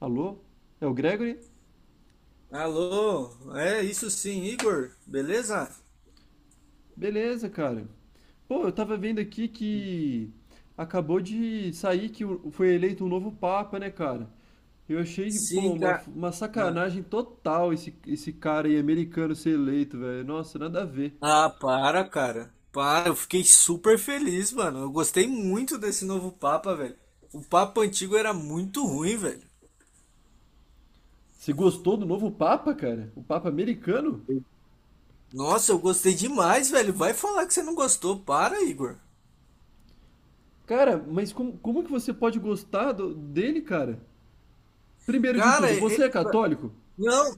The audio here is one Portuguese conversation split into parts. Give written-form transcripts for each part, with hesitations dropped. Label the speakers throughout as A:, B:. A: Alô? É o Gregory?
B: Alô, é isso sim, Igor, beleza?
A: Beleza, cara. Pô, eu tava vendo aqui que acabou de sair que foi eleito um novo Papa, né, cara? Eu achei, pô,
B: Sim,
A: uma,
B: cara.
A: uma
B: Ah,
A: sacanagem total esse cara aí americano ser eleito, velho. Nossa, nada a ver.
B: para, cara. Para, eu fiquei super feliz, mano. Eu gostei muito desse novo Papa, velho. O Papa antigo era muito ruim, velho.
A: Você gostou do novo Papa, cara? O Papa americano?
B: Nossa, eu gostei demais, velho. Vai falar que você não gostou. Para, Igor.
A: Cara, mas como que você pode gostar dele, cara? Primeiro de
B: Cara,
A: tudo, você é
B: ele.
A: católico?
B: Não,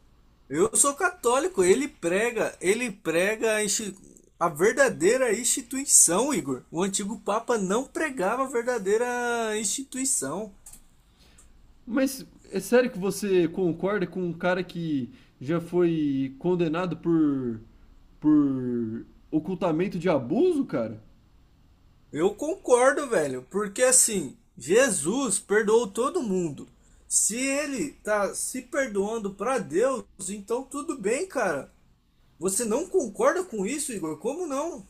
B: eu sou católico. Ele prega a verdadeira instituição, Igor. O antigo Papa não pregava a verdadeira instituição.
A: Mas é sério que você concorda com um cara que já foi condenado por ocultamento de abuso, cara?
B: Eu concordo, velho, porque assim, Jesus perdoou todo mundo. Se ele tá se perdoando pra Deus, então tudo bem, cara. Você não concorda com isso, Igor? Como não?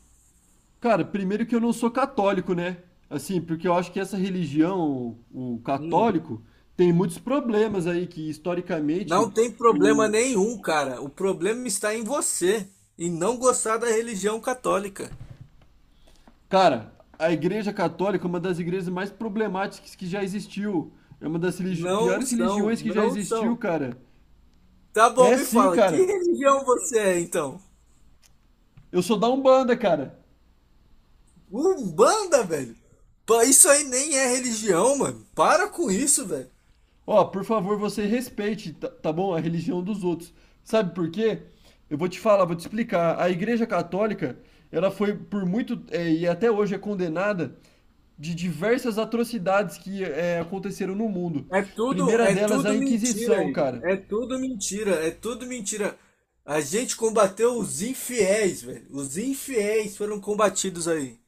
A: Cara, primeiro que eu não sou católico, né? Assim, porque eu acho que essa religião, o
B: Hum.
A: católico, tem muitos problemas aí que historicamente
B: Não tem problema
A: o
B: nenhum, cara. O problema está em você, em não gostar da religião católica.
A: cara, a Igreja Católica é uma das igrejas mais problemáticas que já existiu. É uma das
B: Não
A: piores
B: são,
A: religiões que já
B: não
A: existiu,
B: são.
A: cara.
B: Tá bom,
A: É
B: me
A: sim,
B: fala, que
A: cara.
B: religião você é então?
A: Eu sou da Umbanda, cara.
B: Umbanda, velho? Pô, isso aí nem é religião, mano. Para com isso, velho.
A: Ó, por favor, você respeite, tá bom? A religião dos outros. Sabe por quê? Eu vou te falar, vou te explicar. A Igreja Católica, ela foi por muito, e até hoje é condenada de diversas atrocidades que aconteceram no mundo.
B: É tudo,
A: Primeira
B: é
A: delas, a
B: tudo mentira,
A: Inquisição,
B: Igor.
A: cara.
B: É tudo mentira, é tudo mentira. A gente combateu os infiéis, velho. Os infiéis foram combatidos aí.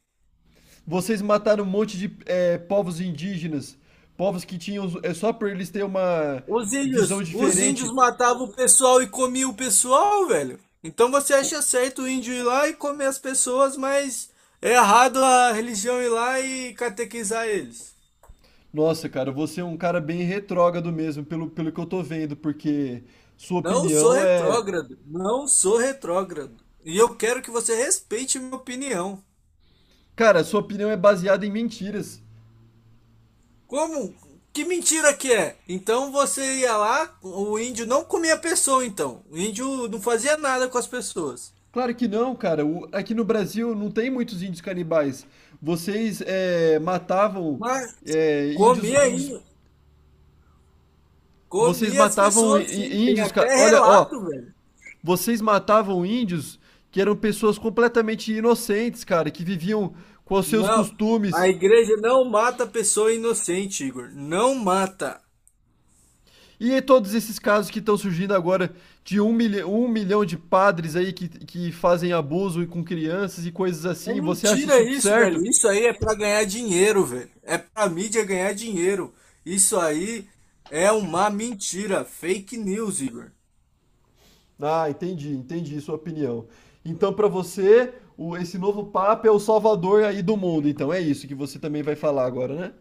A: Vocês mataram um monte de povos indígenas, povos que tinham, é só por eles terem uma
B: Os
A: visão
B: índios, os índios
A: diferente.
B: matavam o pessoal e comiam o pessoal, velho. Então você
A: O-
B: acha certo o índio ir lá e comer as pessoas, mas é errado a religião ir lá e catequizar eles.
A: Nossa, cara, você é um cara bem retrógrado mesmo, pelo que eu tô vendo, porque sua
B: Não sou
A: opinião é.
B: retrógrado, não sou retrógrado. E eu quero que você respeite minha opinião.
A: Cara, sua opinião é baseada em mentiras.
B: Como? Que mentira que é? Então você ia lá, o índio não comia a pessoa então. O índio não fazia nada com as pessoas.
A: Claro que não, cara. Aqui no Brasil não tem muitos índios canibais. Vocês matavam
B: Mas comia
A: índios.
B: aí.
A: Vocês
B: Comia as
A: matavam
B: pessoas, sim. Tem
A: índios, cara.
B: até
A: Olha, ó.
B: relato, velho.
A: Vocês matavam índios que eram pessoas completamente inocentes, cara, que viviam com os seus
B: Não, a
A: costumes.
B: igreja não mata pessoa inocente, Igor. Não mata.
A: E todos esses casos que estão surgindo agora de um milhão de padres aí que fazem abuso com crianças e coisas
B: É
A: assim, você acha
B: mentira
A: isso
B: isso, velho.
A: certo?
B: Isso aí é pra ganhar dinheiro, velho. É pra mídia ganhar dinheiro. Isso aí é uma mentira. Fake news, Igor.
A: Ah, entendi sua opinião. Então, para você, esse novo Papa é o salvador aí do mundo. Então, é isso que você também vai falar agora, né?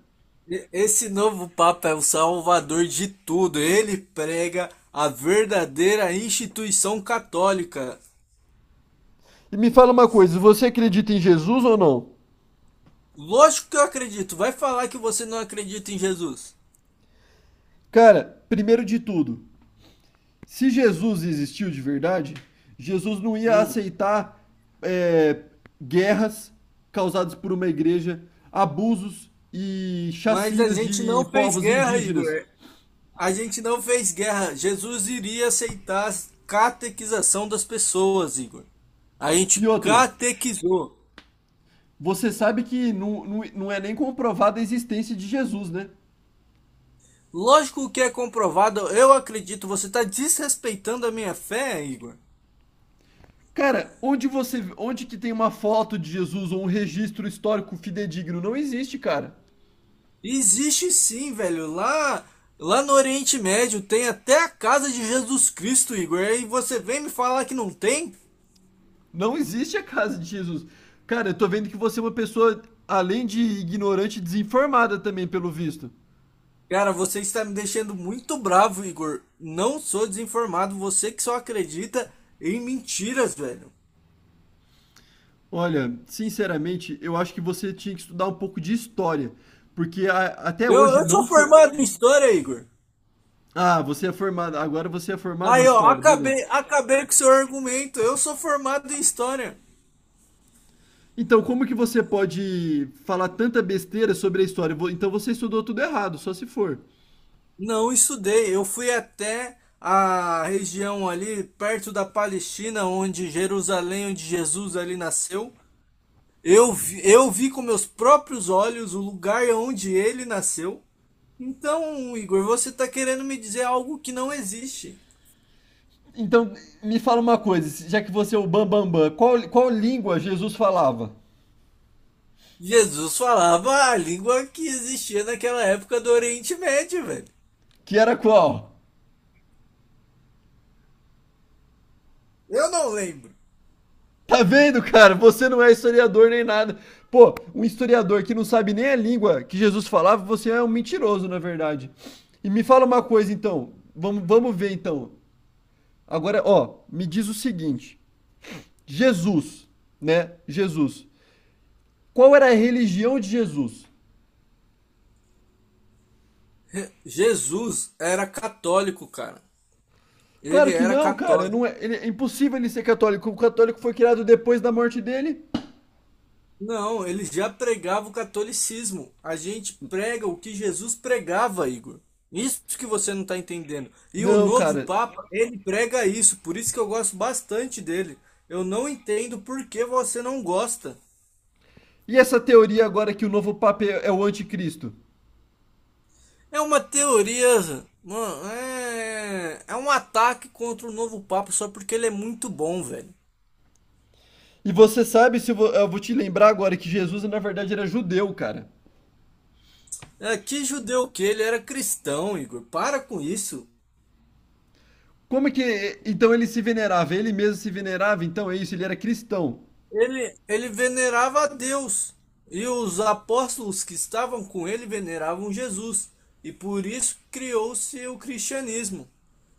B: Esse novo Papa é o salvador de tudo. Ele prega a verdadeira instituição católica.
A: E me fala uma coisa, você acredita em Jesus ou não?
B: Lógico que eu acredito. Vai falar que você não acredita em Jesus.
A: Cara, primeiro de tudo, se Jesus existiu de verdade, Jesus não ia
B: Hum.
A: aceitar é, guerras causadas por uma igreja, abusos e
B: Mas a
A: chacinas
B: gente
A: de
B: não fez
A: povos
B: guerra,
A: indígenas.
B: Igor. A gente não fez guerra. Jesus iria aceitar a catequização das pessoas, Igor. A gente
A: E outra,
B: catequizou.
A: você sabe que não é nem comprovada a existência de Jesus, né?
B: Lógico que é comprovado, eu acredito, você está desrespeitando a minha fé, Igor.
A: Cara, onde que tem uma foto de Jesus ou um registro histórico fidedigno? Não existe, cara.
B: Existe sim, velho. Lá no Oriente Médio tem até a casa de Jesus Cristo, Igor. E você vem me falar que não tem?
A: Não existe a casa de Jesus. Cara, eu tô vendo que você é uma pessoa, além de ignorante, desinformada também, pelo visto.
B: Cara, você está me deixando muito bravo, Igor. Não sou desinformado, você que só acredita em mentiras, velho.
A: Olha, sinceramente, eu acho que você tinha que estudar um pouco de história. Porque até
B: Eu,
A: hoje
B: eu sou
A: não foi.
B: formado em história, Igor.
A: Ah, você é formada. Agora você é formada em
B: Aí, ó,
A: história, beleza.
B: acabei com seu argumento. Eu sou formado em história.
A: Então, como que você pode falar tanta besteira sobre a história? Então você estudou tudo errado, só se for.
B: Não estudei. Eu fui até a região ali perto da Palestina, onde Jerusalém, onde Jesus ali nasceu. Eu vi com meus próprios olhos o lugar onde ele nasceu. Então, Igor, você está querendo me dizer algo que não existe.
A: Então, me fala uma coisa, já que você é o Bambambam, qual língua Jesus falava?
B: Jesus falava a língua que existia naquela época do Oriente Médio, velho.
A: Que era qual?
B: Eu não lembro.
A: Tá vendo, cara? Você não é historiador nem nada. Pô, um historiador que não sabe nem a língua que Jesus falava, você é um mentiroso, na verdade. E me fala uma coisa, então. Vamos ver, então. Agora, ó, me diz o seguinte: Jesus, né? Jesus. Qual era a religião de Jesus?
B: Jesus era católico, cara. Ele
A: Claro que
B: era
A: não, cara. Não
B: católico.
A: é, é impossível ele ser católico. O católico foi criado depois da morte dele.
B: Não, ele já pregava o catolicismo. A gente prega o que Jesus pregava, Igor. Isso que você não está entendendo. E o
A: Não,
B: novo
A: cara.
B: Papa, ele prega isso. Por isso que eu gosto bastante dele. Eu não entendo por que você não gosta.
A: E essa teoria agora que o novo Papa é o anticristo?
B: É uma teoria, mano. É um ataque contra o novo Papa só porque ele é muito bom, velho.
A: E você sabe, se eu vou te lembrar agora, que Jesus na verdade era judeu, cara.
B: É, que judeu que ele era cristão, Igor. Para com isso.
A: Como é que. Então ele se venerava, ele mesmo se venerava, então é isso, ele era cristão.
B: Ele venerava a Deus e os apóstolos que estavam com ele veneravam Jesus. E por isso criou-se o cristianismo.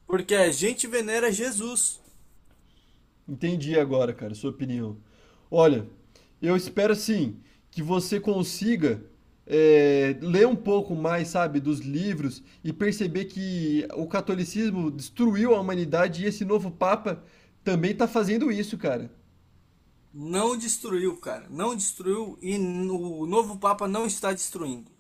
B: Porque a gente venera Jesus.
A: Entendi agora, cara, sua opinião. Olha, eu espero sim que você consiga ler um pouco mais, sabe, dos livros e perceber que o catolicismo destruiu a humanidade e esse novo Papa também está fazendo isso, cara.
B: Não destruiu, cara. Não destruiu e o novo Papa não está destruindo.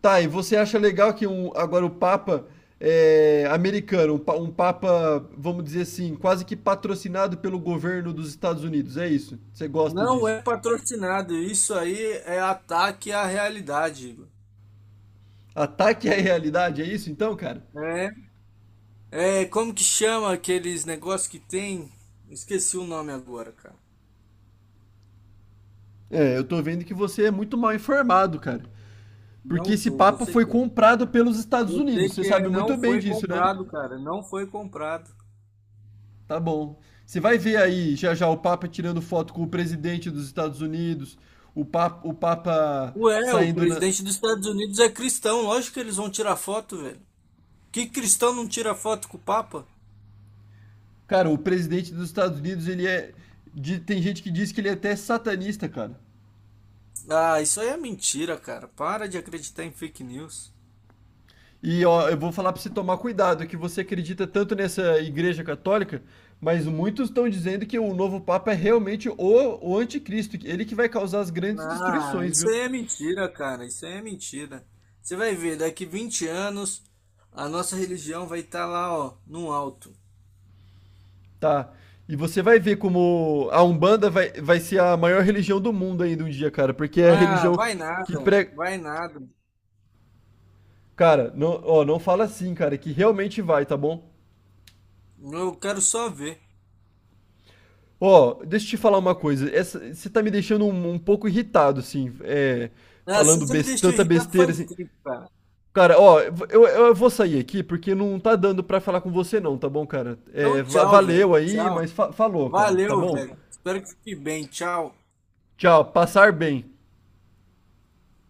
A: Tá, e você acha legal que agora o Papa americano, um Papa, vamos dizer assim, quase que patrocinado pelo governo dos Estados Unidos, é isso? Você gosta
B: Não
A: disso?
B: é patrocinado. Isso aí é ataque à realidade, Igor.
A: Ataque à realidade, é isso então, cara?
B: É, como que chama aqueles negócios que tem? Esqueci o nome agora, cara.
A: É, eu tô vendo que você é muito mal informado, cara.
B: Não
A: Porque esse
B: sou,
A: Papa
B: você
A: foi
B: quer.
A: comprado pelos Estados
B: Eu
A: Unidos,
B: sei
A: você
B: que é,
A: sabe
B: não
A: muito bem
B: foi
A: disso, né?
B: comprado, cara, não foi comprado.
A: Tá bom. Você vai ver aí já já o Papa tirando foto com o presidente dos Estados Unidos, o Papa
B: Ué, o
A: saindo na.
B: presidente dos Estados Unidos é cristão, lógico que eles vão tirar foto, velho. Que cristão não tira foto com o Papa?
A: Cara, o presidente dos Estados Unidos, ele é. Tem gente que diz que ele é até satanista, cara.
B: Ah, isso aí é mentira, cara. Para de acreditar em fake news.
A: E ó, eu vou falar pra você tomar cuidado, que você acredita tanto nessa igreja católica, mas muitos estão dizendo que o novo Papa é realmente o anticristo, ele que vai causar as grandes
B: Ah,
A: destruições,
B: isso
A: viu?
B: aí é mentira, cara. Isso aí é mentira. Você vai ver, daqui 20 anos, a nossa religião vai estar lá, ó, no alto.
A: Tá. E você vai ver como a Umbanda vai ser a maior religião do mundo ainda um dia, cara, porque é a
B: Ah,
A: religião
B: vai
A: que
B: nada,
A: prega.
B: vai nada.
A: Cara, não, ó, não fala assim, cara, que realmente vai, tá bom?
B: Eu quero só ver.
A: Ó, deixa eu te falar uma coisa. Essa, você tá me deixando um pouco irritado, assim,
B: Ah, você
A: falando
B: já me deixou
A: tanta
B: irritado
A: besteira,
B: faz
A: assim.
B: tempo, cara.
A: Cara, ó, eu vou sair aqui porque não tá dando pra falar com você, não, tá bom, cara?
B: Então,
A: É,
B: tchau, velho.
A: valeu aí,
B: Tchau.
A: mas falou, cara, tá
B: Valeu,
A: bom?
B: velho. Espero que fique bem. Tchau.
A: Tchau, passar bem.